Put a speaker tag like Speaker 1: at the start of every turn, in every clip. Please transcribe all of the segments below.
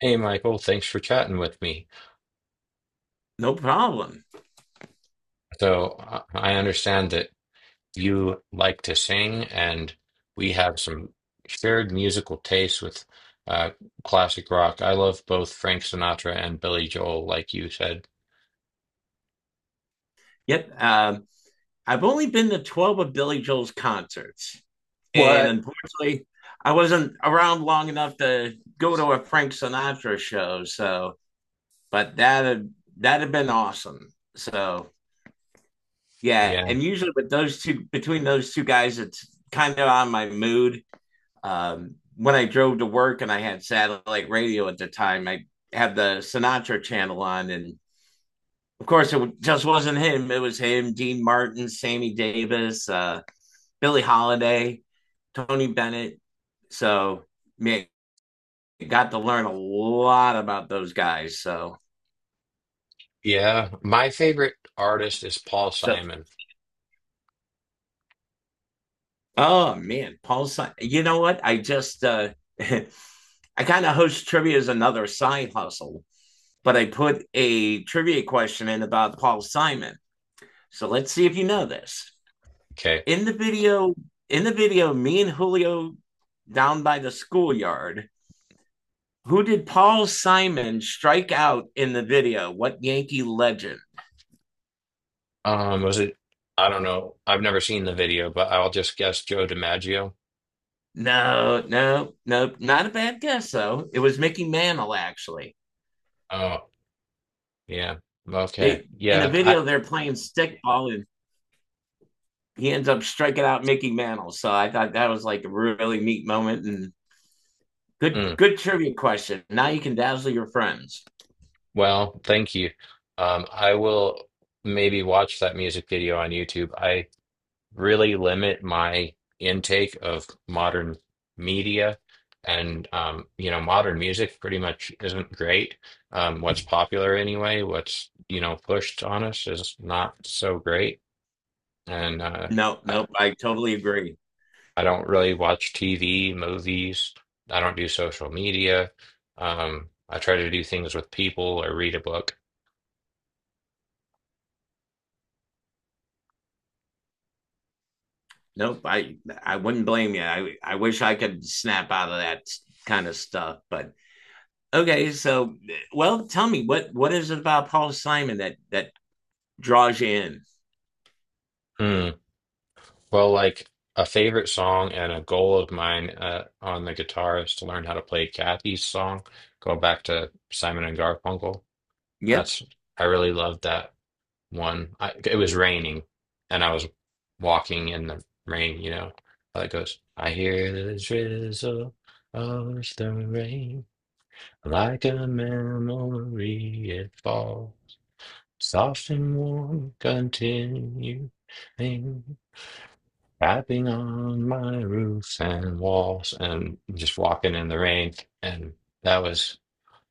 Speaker 1: Hey, Michael, thanks for chatting with me.
Speaker 2: No problem.
Speaker 1: So I understand that you like to sing, and we have some shared musical tastes with uh, classic rock. I love both Frank Sinatra and Billy Joel, like you said.
Speaker 2: Yep. I've only been to 12 of Billy Joel's concerts. And
Speaker 1: What?
Speaker 2: unfortunately, I wasn't around long enough to go to a Frank Sinatra show. So, but that had, that had been awesome. So, yeah.
Speaker 1: Yeah.
Speaker 2: And usually with those two, between those two guys, it's kind of on my mood. When I drove to work and I had satellite radio at the time, I had the Sinatra channel on and of course, it just wasn't him. It was him, Dean Martin, Sammy Davis, Billie Holiday, Tony Bennett. So, man, got to learn a lot about those guys. So,
Speaker 1: Yeah, my favorite artist is Paul
Speaker 2: so
Speaker 1: Simon.
Speaker 2: oh man, Paul Simon. You know what? I just I kind of host trivia as another side hustle, but I put a trivia question in about Paul Simon. So let's see if you know this.
Speaker 1: Okay.
Speaker 2: In the video, in the video, me and Julio down by the schoolyard. Who did Paul Simon strike out in the video? What Yankee legend?
Speaker 1: Was it? I don't know. I've never seen the video, but I'll just guess Joe DiMaggio.
Speaker 2: No, no, no. Not a bad guess, though. It was Mickey Mantle, actually.
Speaker 1: Oh, yeah. Okay.
Speaker 2: They, in the
Speaker 1: Yeah.
Speaker 2: video they're playing stickball and he ends up striking out Mickey Mantle. So I thought that was like a really neat moment and
Speaker 1: I.
Speaker 2: good good trivia question. Now you can dazzle your friends.
Speaker 1: Well, thank you. I will maybe watch that music video on YouTube. I really limit my intake of modern media, and modern music pretty much isn't great. What's popular anyway, what's pushed on us is not so great, and
Speaker 2: No,
Speaker 1: I,
Speaker 2: nope. I totally agree.
Speaker 1: I don't really watch TV, movies. I don't do social media. I try to do things with people or read a book.
Speaker 2: Nope, I wouldn't blame you. I wish I could snap out of that kind of stuff, but okay. So, well, tell me what is it about Paul Simon that draws you in?
Speaker 1: Hmm. Well, like a favorite song and a goal of mine on the guitar is to learn how to play Kathy's Song. Go back to Simon and Garfunkel.
Speaker 2: Yep,
Speaker 1: That's I really loved that one. I, it was raining, and I was walking in the rain. You know how it goes. I hear the drizzle of the rain, like a memory it falls, soft and warm, continuing tapping on my roofs and walls and just walking in the rain. And that was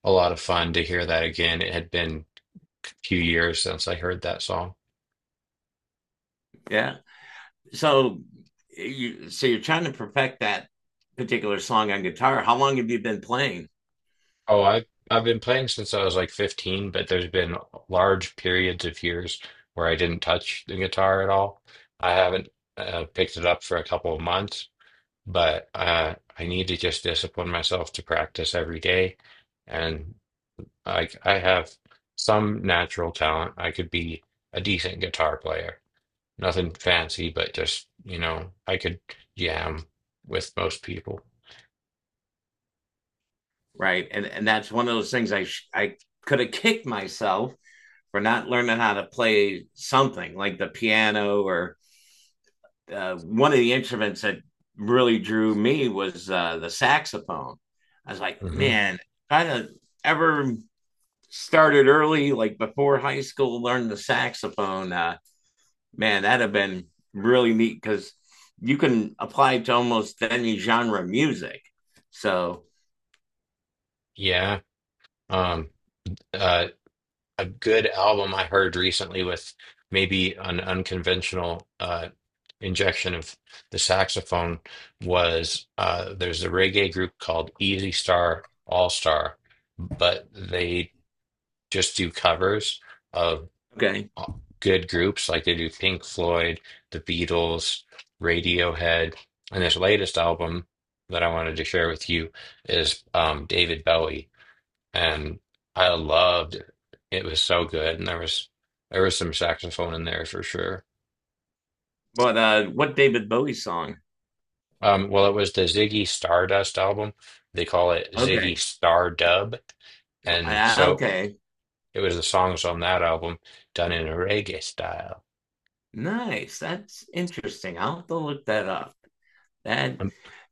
Speaker 1: a lot of fun to hear that again. It had been a few years since I heard that song.
Speaker 2: yeah. So you so you're trying to perfect that particular song on guitar. How long have you been playing?
Speaker 1: Oh, I've been playing since I was like 15, but there's been large periods of years where I didn't touch the guitar at all. I haven't picked it up for a couple of months, but I need to just discipline myself to practice every day. And like I have some natural talent. I could be a decent guitar player. Nothing fancy, but just, you know, I could jam with most people.
Speaker 2: Right, and that's one of those things I could have kicked myself for not learning how to play something like the piano or one of the instruments that really drew me was the saxophone. I was like,
Speaker 1: Hmm.
Speaker 2: man, kind of ever started early, like before high school, learned the saxophone. Man, that'd have been really neat because you can apply it to almost any genre of music. So
Speaker 1: Yeah. Um, uh, a good album I heard recently with maybe an unconventional injection of the saxophone was there's a reggae group called Easy Star All Star, but they just do covers,
Speaker 2: okay,
Speaker 1: uh, good groups, like they do Pink Floyd, The Beatles, Radiohead, and this latest album that I wanted to share with you is David Bowie, and I loved it. It was so good, and there was some saxophone in there for sure.
Speaker 2: but what David Bowie song?
Speaker 1: Well, it was the Ziggy Stardust album. They call it Ziggy
Speaker 2: Okay,
Speaker 1: Stardub, and so
Speaker 2: okay,
Speaker 1: it was the songs on that album done in a reggae style.
Speaker 2: nice. That's interesting. I'll have to look that up. That,
Speaker 1: Um,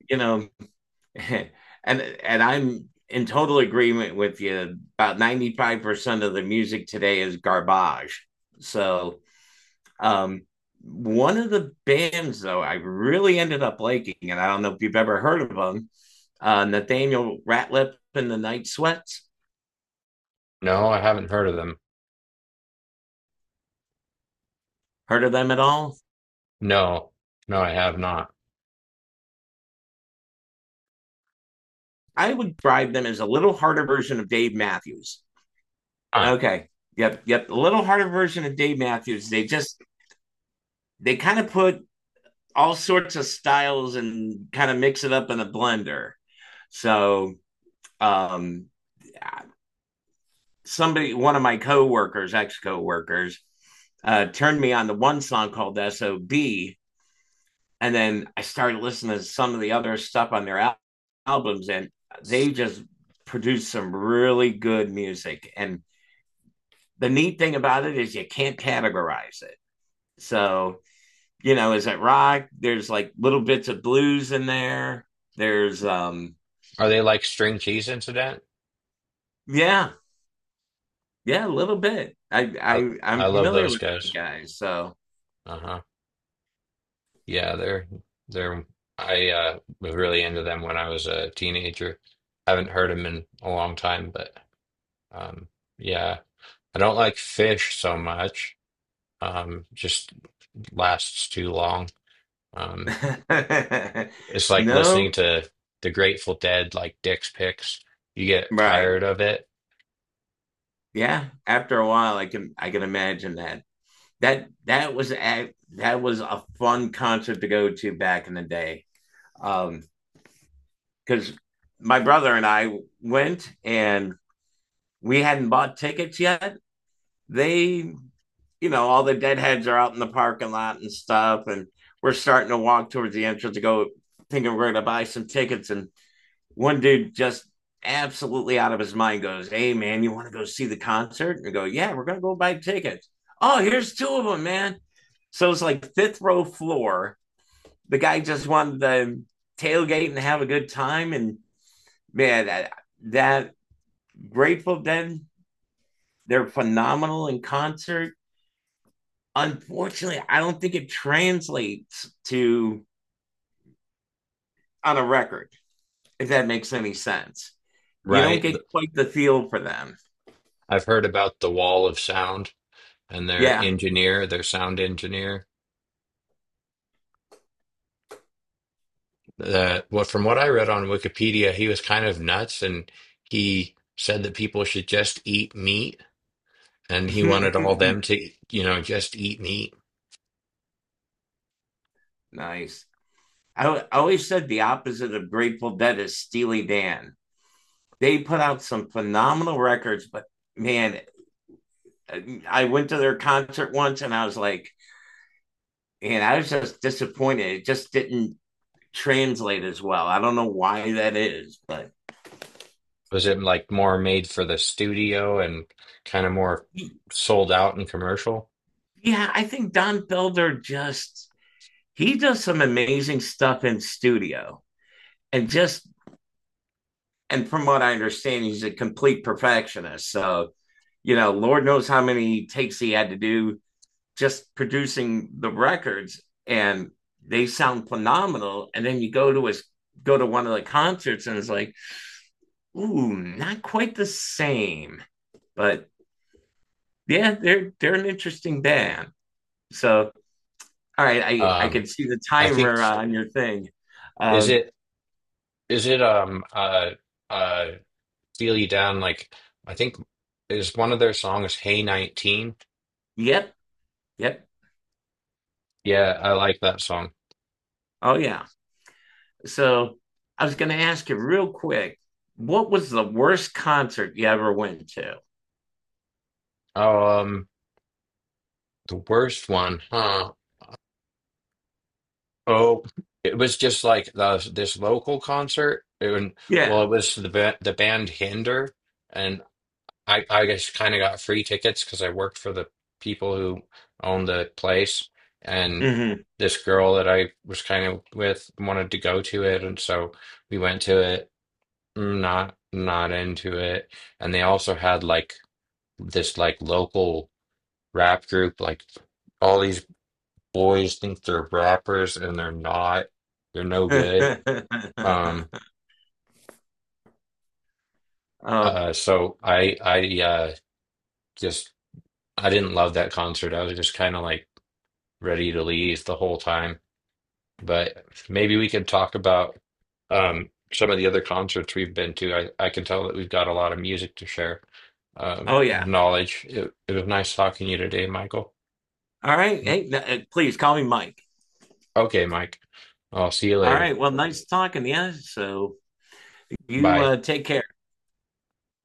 Speaker 2: you know, and and I'm in total agreement with you. About 95% of the music today is garbage. So, um, one of the bands though I really ended up liking, and I don't know if you've ever heard of them, Nathaniel Ratliff and the Night Sweats.
Speaker 1: No, I haven't heard of them.
Speaker 2: Heard of them at all?
Speaker 1: No, no, I have not.
Speaker 2: I would describe them as a little harder version of Dave Matthews.
Speaker 1: Huh.
Speaker 2: Okay, yep, yep, a little harder version of Dave Matthews. They just they kind of put all sorts of styles and kind of mix it up in a blender. So, um, one of my coworkers, ex coworkers, turned me on to one song called "Sob," and then I started listening to some of the other stuff on their albums, and they just produced some really good music. And the neat thing about it is you can't categorize it. So you know, is it rock? There's like little bits of blues in there. There's
Speaker 1: Are they like String Cheese Incident?
Speaker 2: yeah, yeah, a little bit. I
Speaker 1: I
Speaker 2: I I'm
Speaker 1: I love
Speaker 2: familiar
Speaker 1: those
Speaker 2: with those
Speaker 1: guys.
Speaker 2: guys, so
Speaker 1: Uh-huh. Yeah, they're I was really into them when I was a teenager. Haven't heard them in a long time, but um yeah, I don't like fish so much. Just lasts too long. Um it's like listening
Speaker 2: no,
Speaker 1: to the Grateful Dead like Dick's Picks. You get
Speaker 2: right.
Speaker 1: tired of it,
Speaker 2: Yeah, after a while I can imagine that. That was a fun concert to go to back in the day. Um Cuz my brother and I went and we hadn't bought tickets yet. They, you know, all the deadheads are out in the parking lot and stuff. And we're starting to walk towards the entrance to go thinking we're going to buy some tickets. And one dude just absolutely out of his mind goes, hey, man, you want to go see the concert? And I go, yeah, we're going to go buy tickets. Oh, here's two of them, man. So it's like fifth row floor. The guy just wanted to tailgate and have a good time. And man, that Grateful Dead, they're phenomenal in concert. Unfortunately, I don't think it translates to on a record, if that makes any sense. You don't
Speaker 1: right?
Speaker 2: get quite the feel for them.
Speaker 1: I've heard about the wall of sound and their
Speaker 2: Yeah.
Speaker 1: engineer, their sound engineer. That what from what I read on Wikipedia, he was kind of nuts, and he said that people should just eat meat, and he wanted all them to, you know, just eat meat.
Speaker 2: Nice. I always said the opposite of Grateful Dead is Steely Dan. They put out some phenomenal records, but man, I went to their concert once and I was like, and I was just disappointed. It just didn't translate as well. I don't know why that is, but
Speaker 1: Was it like more made for the studio and kind of more sold out and commercial?
Speaker 2: yeah, I think Don Felder just he does some amazing stuff in studio and just and from what I understand, he's a complete perfectionist. So, you know, Lord knows how many takes he had to do just producing the records and they sound phenomenal. And then you go to his go to one of the concerts and it's like, ooh, not quite the same. But yeah, they're an interesting band. So all right, I
Speaker 1: Um,
Speaker 2: can see the
Speaker 1: I think
Speaker 2: timer on your thing.
Speaker 1: is
Speaker 2: Um,
Speaker 1: it is it um uh uh Feel You Down, like I think is one of their songs, Hey 19.
Speaker 2: yep, yep.
Speaker 1: Yeah, I like that song.
Speaker 2: Oh yeah. So I was going to ask you real quick, what was the worst concert you ever went to?
Speaker 1: Oh, the worst one, huh? Oh, it was just like the, this local concert. And well,
Speaker 2: Yeah.
Speaker 1: it was the the band Hinder, and I just kind of got free tickets because I worked for the people who owned the place, and
Speaker 2: Mm-hmm.
Speaker 1: this girl that I was kind of with wanted to go to it, and so we went to it. Mm, not into it, and they also had like this like local rap group, like, all these boys think they're rappers and they're not. They're no good. Um,
Speaker 2: oh,
Speaker 1: so just, I didn't love that concert. I was just kind of like ready to leave the whole time. But maybe we could talk about, some of the other concerts we've been to. I can tell that we've got a lot of music to share,
Speaker 2: oh, yeah.
Speaker 1: knowledge. It was nice talking to you today, Michael.
Speaker 2: All right.
Speaker 1: Mm,
Speaker 2: Hey, please call me Mike.
Speaker 1: okay, Mike. I'll see you
Speaker 2: All
Speaker 1: later.
Speaker 2: right. Well, nice talking to you. So you
Speaker 1: Bye.
Speaker 2: take care.